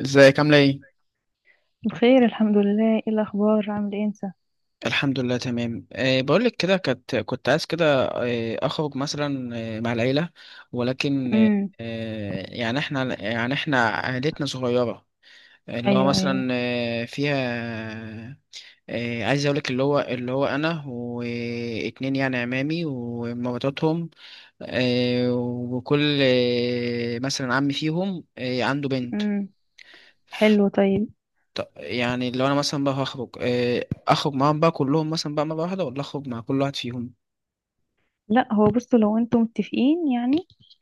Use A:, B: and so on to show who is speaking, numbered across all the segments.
A: ازيك؟ عاملة ايه؟
B: بخير الحمد لله، ايه الاخبار، عامل ايه انت؟
A: الحمد لله تمام. بقولك كده كنت عايز كده اخرج مثلا، مع العيلة. ولكن أه
B: امم.
A: يعني احنا عائلتنا صغيرة، اللي هو
B: ايوه، ايوه.
A: مثلا فيها، عايز اقولك اللي هو انا واتنين يعني عمامي ومراتاتهم، وكل مثلا عمي فيهم عنده بنت.
B: امم. حلو، طيب.
A: طب يعني لو انا مثلا بقى هخرج اخرج معاهم بقى كلهم مثلا بقى مرة واحدة، ولا اخرج مع كل واحد فيهم؟
B: لا هو بصوا، لو انتم متفقين يعني.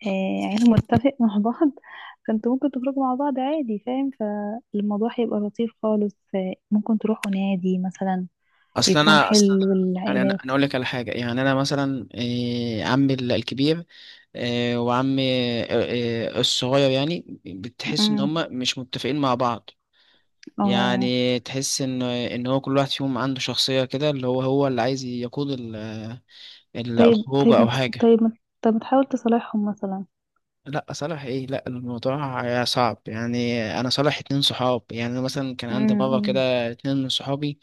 B: عيلة متفق مع بعض، فانتوا ممكن تخرجوا مع بعض عادي، فاهم، فالموضوع هيبقى لطيف خالص، ممكن تروحوا نادي مثلا،
A: اصل
B: يكون
A: انا اصل انا
B: حلو
A: يعني انا
B: للعائلات.
A: اقول لك على حاجة. يعني انا مثلا عمي الكبير وعمي آه، الصغير، يعني بتحس ان
B: امم.
A: هما مش متفقين مع بعض.
B: اه.
A: يعني تحس ان هو كل واحد فيهم عنده شخصية كده، اللي هو اللي عايز يقود
B: طيب
A: الخروج
B: طيب ما
A: او
B: ت-
A: حاجة.
B: طيب ما طيب ما تحاول تصالحهم مثلا.
A: لا صالح ايه، لا الموضوع صعب. يعني انا صالح اتنين صحاب. يعني أنا مثلا كان عندي مره
B: امم.
A: كده اتنين من صحابي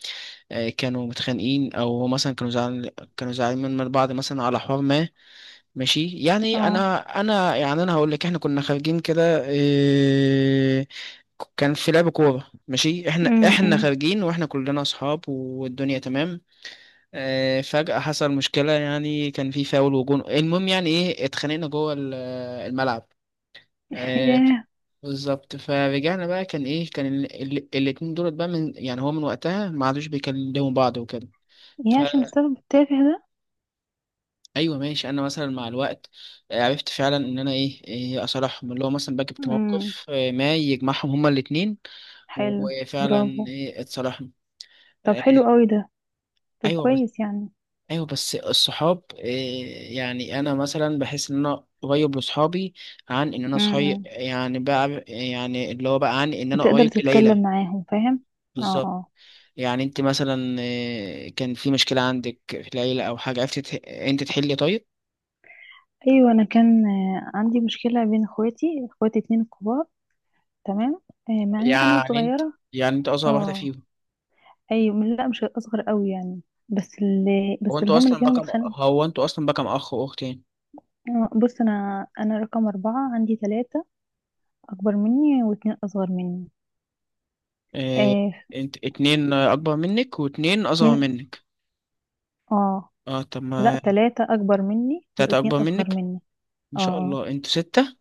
A: كانوا متخانقين، او مثلا كانوا زعل، كانوا زعلانين من بعض مثلا على حوار ما. ماشي، يعني
B: اه.
A: انا يعني انا هقول لك، احنا كنا خارجين كده كان في لعب كوره، ماشي احنا
B: امم.
A: خارجين واحنا كلنا اصحاب والدنيا تمام، فجأة حصل مشكلة. يعني كان في فاول وجون، المهم يعني ايه اتخانقنا جوه الملعب. آه،
B: ياه.
A: بالظبط. فرجعنا بقى، كان ايه، كان الاتنين دولت بقى، من يعني هو من وقتها ما عادوش بيكلموا بعض وكده.
B: ياه، عشان السبب التافه ده.
A: فايوه ماشي، انا مثلا مع الوقت عرفت فعلا ان انا إيه اصالحهم. اللي هو مثلا بقى جبت
B: امم،
A: موقف ما يجمعهم هما الاتنين.
B: حلو.
A: وفعلا
B: برافو.
A: ايه، اتصالحنا.
B: طب،
A: آه،
B: حلو قوي ده. طب،
A: ايوه بس،
B: كويس يعني.
A: ايوه بس الصحاب إيه، يعني انا مثلا بحس ان انا قريب لصحابي عن ان انا صحي،
B: امم.
A: يعني بقى يعني اللي هو بقى عن ان انا
B: بتقدر
A: قريب
B: تتكلم
A: لليلى.
B: معاهم، فاهم؟ اه،
A: بالظبط.
B: اه.
A: يعني انت مثلا كان في مشكلة عندك في العيلة او حاجة، عرفت انت تحلي؟ طيب
B: ايوه، انا كان عندي مشكله بين اخواتي اتنين كبار. تمام. مع ان انا
A: يعني انت،
B: صغيره.
A: يعني انت اصغر واحدة
B: اه،
A: فيهم؟
B: ايوه، لا مش اصغر قوي يعني. بس اللي بس اللي هم اللي كانوا متخانقين.
A: هو انتوا اصلا بقى كم اخ واختين؟
B: بص، انا رقم اربعه، عندي ثلاثه اكبر مني واتنين اصغر مني.
A: اه،
B: آه،
A: انت اتنين اكبر منك واتنين اصغر
B: اتنين،
A: منك؟
B: اه.
A: اه طب
B: لا،
A: ما،
B: ثلاثه اكبر مني
A: تلاتة
B: واتنين
A: اكبر
B: اصغر
A: منك؟
B: مني.
A: ان
B: اه
A: شاء
B: آه.
A: الله انتوا ستة.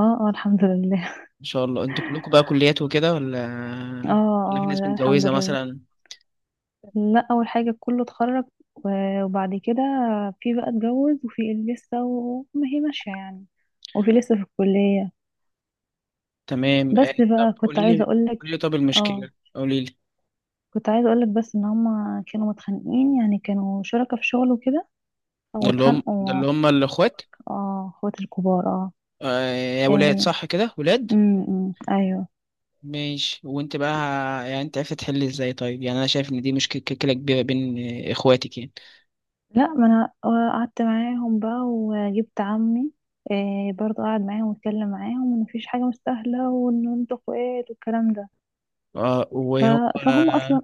B: اه، اه، الحمد لله.
A: ان شاء الله انتوا كلكم بقى كليات وكده، ولا
B: اه،
A: ولا في
B: اه،
A: ناس
B: لا الحمد
A: متجوزة
B: لله.
A: مثلا؟
B: لا، اول حاجه كله اتخرج، و- وبعد كده، في بقى اتجوز، وفي اللي لسه وما هي ماشيه يعني، وفي لسه في الكليه.
A: تمام
B: بس
A: اه،
B: بقى
A: طب
B: كنت
A: قولي
B: عايزه
A: لي،
B: اقول
A: قولي لي
B: لك.
A: طب
B: اه،
A: المشكلة، قولي لي.
B: كنت عايزه اقول لك، بس ان هما كانوا متخانقين، يعني كانوا شركاء في شغل وكده،
A: ده اللي هم، ده
B: واتخانقوا.
A: اللي هم الاخوات؟
B: اه، اخوات الكبار، اه.
A: آه، يا ولاد
B: ايه.
A: صح كده، ولاد؟
B: امم، أمم، ايوه.
A: ماشي. وانت بقى يعني انت عرفت تحل ازاي طيب؟ يعني انا شايف ان دي مشكلة كبيره بين اخواتك يعني.
B: لا، ما انا قعدت معاهم بقى وجبت عمي. إيه، برضه قعد معاهم واتكلم معاهم ان مفيش حاجه مستاهله، وان انتوا اخوات والكلام ده.
A: اه
B: ف...
A: وهم
B: فهم
A: آه،
B: اصلا،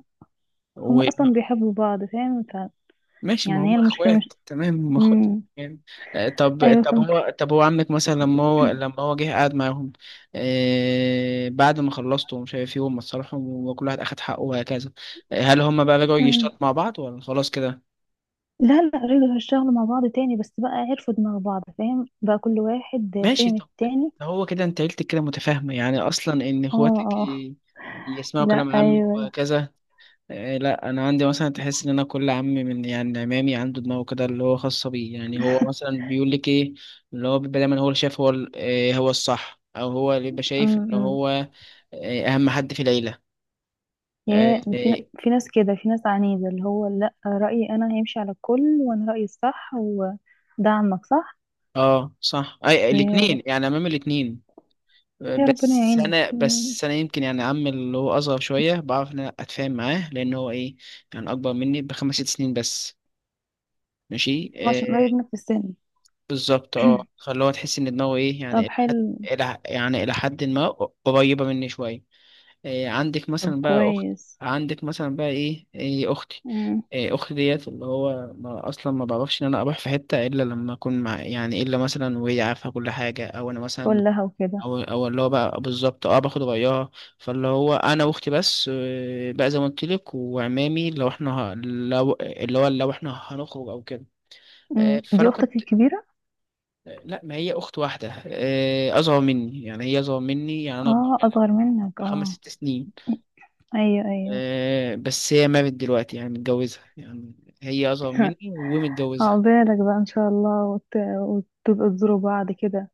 B: هم
A: و...
B: اصلا بيحبوا بعض، فاهم.
A: ماشي، ما
B: يعني هي
A: هم
B: المشكله مش.
A: اخوات، تمام هم اخوات
B: مم.
A: يعني. طب
B: ايوه،
A: طب
B: فاهم.
A: هو طب هو عمك مثلا لما هو جه قعد معاهم بعد ما خلصتوا ومش عارف ايه، وهم اتصالحوا وكل واحد اخد حقه وهكذا، هل هم بقى رجعوا
B: مم.
A: يشتغلوا مع بعض ولا خلاص كده؟
B: لا، لا، رجعوا هيشتغلوا مع بعض تاني، بس بقى عرفوا دماغ بعض، فاهم بقى كل واحد
A: ماشي،
B: فاهم
A: طب ده
B: التاني.
A: هو كده انت عيلتك كده متفاهمة يعني، اصلا ان
B: اه،
A: اخواتك
B: اه،
A: يسمعوا
B: لا،
A: كلام عمك
B: ايوه، لا.
A: وهكذا. إيه، لا انا عندي مثلا تحس ان انا كل عم من يعني عمامي عنده دماغه كده اللي هو خاصة بيه. يعني هو مثلا بيقول لك ايه، اللي هو بيبقى دايما هو اللي شايف هو إيه هو الصح، او هو اللي بيبقى شايف
B: مم،
A: ان
B: مم.
A: هو إيه اهم حد في العيلة.
B: يا،
A: إيه- إيه،
B: في ناس كده، في ناس عنيدة، اللي هو لا، رأيي أنا هيمشي على الكل، وأنا رأيي الصح، ودعمك صح.
A: اه صح، اي
B: يا رب.
A: الاتنين يعني، عمام الاتنين.
B: يا ربنا
A: بس
B: يعينك.
A: انا،
B: مم.
A: بس انا يمكن يعني عمي اللي هو اصغر شويه بعرف ان انا اتفاهم معاه لان هو ايه، يعني اكبر مني بخمس ست سنين بس. ماشي
B: عشان
A: آه.
B: قريب منك في السن.
A: بالظبط اه، فاللي هو تحس ان دماغه ايه
B: طب،
A: يعني الى حد،
B: حلو.
A: الى يعني الى حد ما قريبه مني شويه. آه عندك
B: طب،
A: مثلا بقى اخت،
B: كويس.
A: عندك مثلا بقى إيه اختي؟
B: مم.
A: آه اختي ديت اللي هو ما اصلا ما بعرفش ان انا اروح في حته الا لما اكون مع يعني، الا مثلا وهي عارفه كل حاجه، او انا مثلا
B: تقول لها وكده.
A: او اللي هو بقى بالظبط اه باخد رأيها. فاللي هو انا واختي بس بقى زي ما قلت لك، وعمامي لو احنا لو اللي هو لو احنا هنخرج او كده.
B: مم.
A: فانا
B: دي أختك
A: كنت
B: الكبيرة؟
A: لا، ما هي اخت واحده اصغر مني. يعني هي اصغر مني يعني انا
B: اه، أصغر منك،
A: خمس
B: اه.
A: ست سنين
B: أيوه، أيوه.
A: بس هي مارد دلوقتي يعني متجوزه. يعني هي اصغر مني ومتجوزه.
B: عقبالك بقى إن شاء الله، وتبقوا تزوروا بعض كده.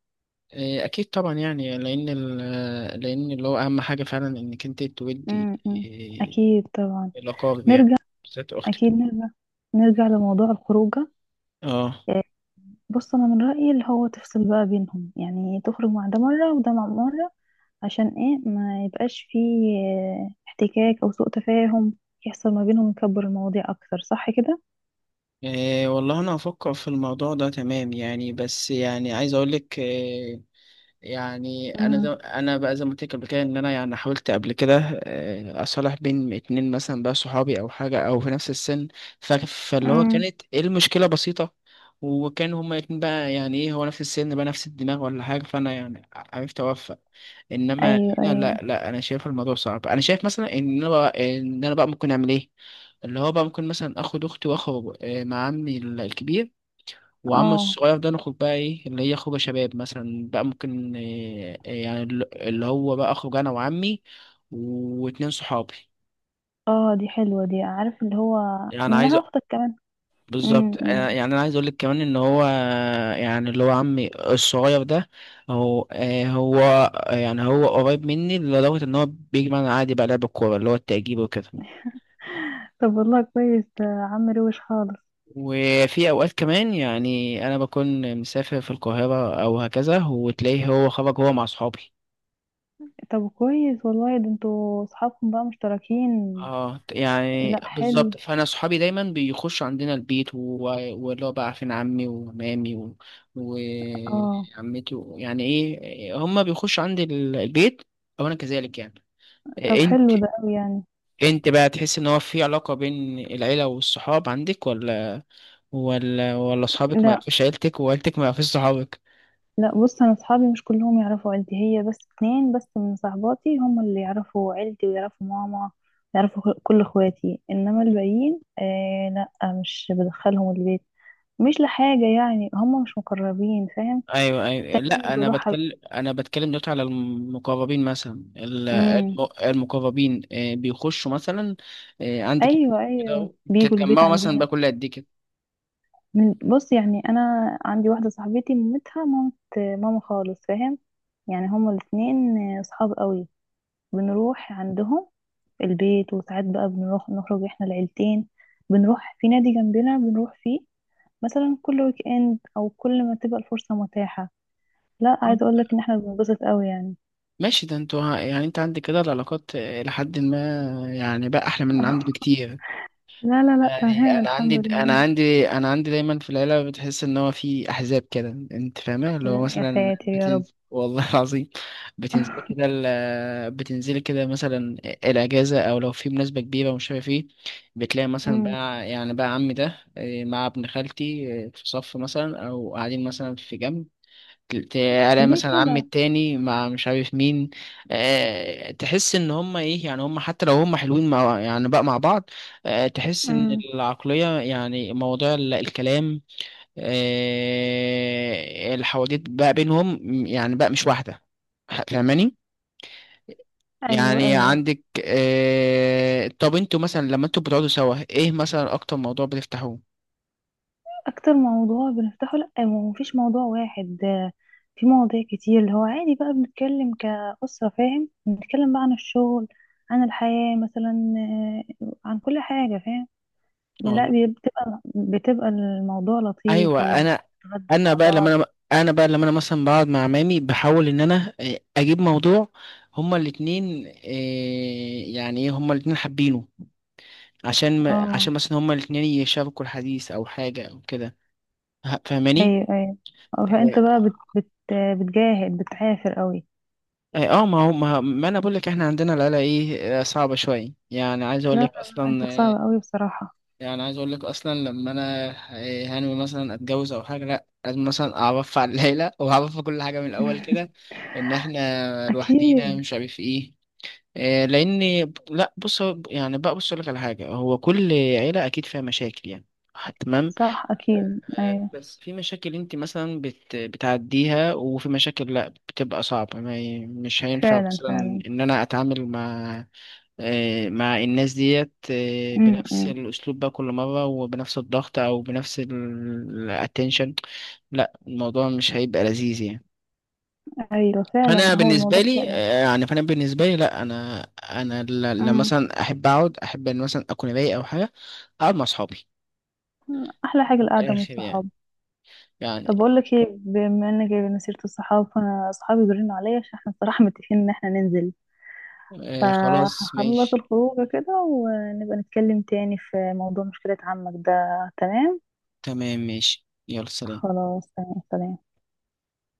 A: اكيد طبعا، يعني لان لان اللي هو اهم حاجه فعلا انك انت تودي
B: مم. مم. أكيد طبعا.
A: الاقارب يعني،
B: نرجع.
A: بالذات اختك.
B: أكيد نرجع. نرجع لموضوع الخروجة.
A: اه
B: آه، بص، انا من رايي اللي هو تفصل بقى بينهم، يعني تخرج مع ده مره وده مع مره، عشان ايه ما يبقاش فيه احتكاك او سوء تفاهم يحصل ما بينهم، يكبر المواضيع اكتر، صح كده؟
A: إيه والله انا هفكر في الموضوع ده تمام. يعني بس يعني عايز اقول لك إيه، يعني انا زي،
B: امم،
A: انا بقى زي ما قلت لك قبل كده ان انا يعني حاولت قبل كده إيه اصالح بين اتنين مثلا بقى صحابي او حاجه او في نفس السن. فاللي هو
B: امم،
A: كانت إيه المشكله بسيطه، وكان هما الاتنين بقى يعني ايه هو نفس السن بقى نفس الدماغ ولا حاجه، فانا يعني عرفت اوفق. انما
B: ايوه،
A: هنا
B: ايوه،
A: لا انا شايف الموضوع صعب. انا شايف مثلا ان انا بقى، ان انا بقى ممكن اعمل ايه، اللي هو بقى ممكن مثلا اخد اختي واخو مع عمي الكبير وعم
B: اه،
A: الصغير، ده نخرج بقى ايه اللي هي خروجه شباب مثلا. بقى ممكن يعني اللي هو بقى اخرج انا وعمي واتنين صحابي.
B: اه. دي حلوه دي، عارف اللي هو
A: يعني عايز
B: منها اختك كمان.
A: بالظبط.
B: امم، أمم.
A: يعني انا عايز اقول لك كمان ان هو يعني اللي هو عمي الصغير ده، هو يعني هو قريب مني لدرجة ان هو بيجي معانا عادي بقى لعب الكورة اللي هو التأجيب وكده.
B: طب والله كويس ده، عم روش خالص.
A: وفي اوقات كمان يعني انا بكون مسافر في القاهره او هكذا، وتلاقيه هو خرج هو مع اصحابي.
B: طب كويس والله، ده انتوا اصحابكم بقى مشتركين.
A: اه يعني
B: لا حلو.
A: بالظبط، فانا اصحابي دايما بيخشوا عندنا البيت واللي هو بقى عارفين عمي ومامي
B: اه،
A: وعمتي يعني ايه هما بيخشوا عندي البيت، او انا كذلك يعني.
B: طب
A: انت،
B: حلو ده قوي يعني.
A: انت بقى تحس ان هو في علاقه بين العيله والصحاب عندك، ولا ولا اصحابك ما
B: لا،
A: يعرفوش عيلتك وعيلتك ما يعرفوش صحابك؟
B: لا، بص انا اصحابي مش كلهم يعرفوا عيلتي، هي بس اتنين بس من صاحباتي هم اللي يعرفوا عيلتي ويعرفوا ماما، يعرفوا كل اخواتي، انما الباقيين لا، مش بدخلهم البيت، مش لحاجة يعني، هم مش مقربين، فاهم.
A: ايوه ايوه،
B: التانيين
A: لا انا
B: بروح.
A: بتكلم، انا بتكلم دلوقتي على المقربين مثلا
B: امم.
A: المقربين بيخشوا مثلا عندك
B: ايوه، ايوه
A: كده،
B: بيجوا البيت
A: بتتجمعوا مثلا بقى
B: عندنا.
A: كل قد ايه كده؟
B: بص يعني انا عندي واحدة صاحبتي مامتها، مامت ماما خالص، فاهم، يعني هما الاتنين صحاب قوي، بنروح عندهم البيت، وساعات بقى بنروح نخرج احنا العيلتين، بنروح في نادي جنبنا بنروح فيه مثلا كل ويك اند، او كل ما تبقى الفرصة متاحة. لا
A: آه،
B: عايزة اقول لك ان احنا بننبسط قوي يعني.
A: ماشي، ده انتوا يعني انت عندك كده العلاقات لحد ما يعني بقى احلى من عندي بكتير.
B: لا، لا، لا،
A: يعني
B: تمام
A: انا عندي
B: الحمد
A: انا
B: لله.
A: عندي انا عندي دايما في العيله بتحس ان هو في احزاب كده، انت فاهمه؟ اللي هو
B: يا
A: مثلا
B: ساتر، يا رب.
A: بتنزل والله العظيم، بتنزل كده بتنزلي كده مثلا الاجازه او لو في مناسبه كبيره ومش عارف ايه، بتلاقي مثلا
B: مم.
A: بقى يعني بقى عمي ده إيه، مع ابن خالتي إيه، في صف مثلا او قاعدين مثلا في جنب. الاقي
B: ليه
A: مثلا عمي
B: كده؟
A: التاني مع مش عارف مين. أه تحس ان هم ايه، يعني هم حتى لو هم حلوين مع يعني بقى مع بعض. أه تحس ان
B: مم.
A: العقلية يعني موضوع الكلام، أه الحواديت بقى بينهم يعني بقى مش واحدة. فاهماني؟
B: ايوه،
A: يعني
B: ايوه.
A: عندك أه طب انتوا مثلا لما انتوا بتقعدوا سوا ايه مثلا اكتر موضوع بتفتحوه؟
B: اكتر موضوع بنفتحه؟ لا، ما فيش موضوع واحد، في مواضيع كتير، اللي هو عادي بقى بنتكلم كأسرة، فاهم، بنتكلم بقى عن الشغل، عن الحياة مثلا، عن كل حاجة، فاهم. لا بتبقى الموضوع لطيف
A: ايوه. انا
B: وبنتغدى
A: انا
B: مع
A: بقى
B: بعض.
A: لما انا انا بقى لما انا مثلا بقعد مع عمامي بحاول ان انا اجيب موضوع هما الاتنين يعني ايه هما الاتنين حابينه، عشان
B: اه،
A: عشان مثلا هما الاتنين يشاركوا الحديث او حاجه او كده. فاهماني؟
B: ايوه، ايوه. فانت
A: اه
B: بقى بت بت بتجاهد، بتعافر قوي.
A: ما هو ما انا بقول لك احنا عندنا العيله ايه صعبه شويه. يعني عايز
B: لا،
A: اقول
B: لا،
A: لك
B: لا،
A: اصلا
B: انت صعب قوي بصراحة.
A: يعني عايز اقول لك اصلا لما انا إيه، هنوي مثلا اتجوز او حاجه، لا لازم مثلا اعرف على العيله واعرف كل حاجه من الاول كده ان احنا لوحدينا
B: اكيد.
A: مش عارف ايه إيه، لان، لا بص يعني بقى بص اقول لك على حاجه، هو كل عيله اكيد فيها مشاكل يعني، تمام.
B: صح، اكيد، ايوه.
A: بس في مشاكل انت مثلا بتعديها، وفي مشاكل لا بتبقى صعبة ما ي... مش هينفع
B: فعلا،
A: مثلا
B: فعلا.
A: ان انا اتعامل مع مع الناس ديت
B: م
A: بنفس
B: -م.
A: الاسلوب بقى كل مرة وبنفس الضغط او بنفس الاتنشن. لا الموضوع مش هيبقى لذيذ يعني.
B: ايوه، فعلا،
A: انا
B: هو
A: بالنسبه
B: الموضوع
A: لي
B: فعلا.
A: يعني فانا بالنسبه لي لا انا، انا لما
B: امم.
A: مثلا احب اقعد، احب ان مثلا اكون رايق او حاجه، اقعد مع اصحابي،
B: احلى
A: من
B: حاجه القعده مع
A: الاخر يعني.
B: الصحاب. طب
A: يعني
B: اقول لك ايه، بما انك جايبه سيره الصحاب، فانا اصحابي بيرنوا عليا عشان احنا الصراحه متفقين ان احنا ننزل،
A: خلاص
B: فهخلص
A: ماشي،
B: الخروج كده، ونبقى نتكلم تاني في موضوع مشكله عمك ده. تمام.
A: تمام ماشي، يلا سلام.
B: خلاص، تمام، سلام.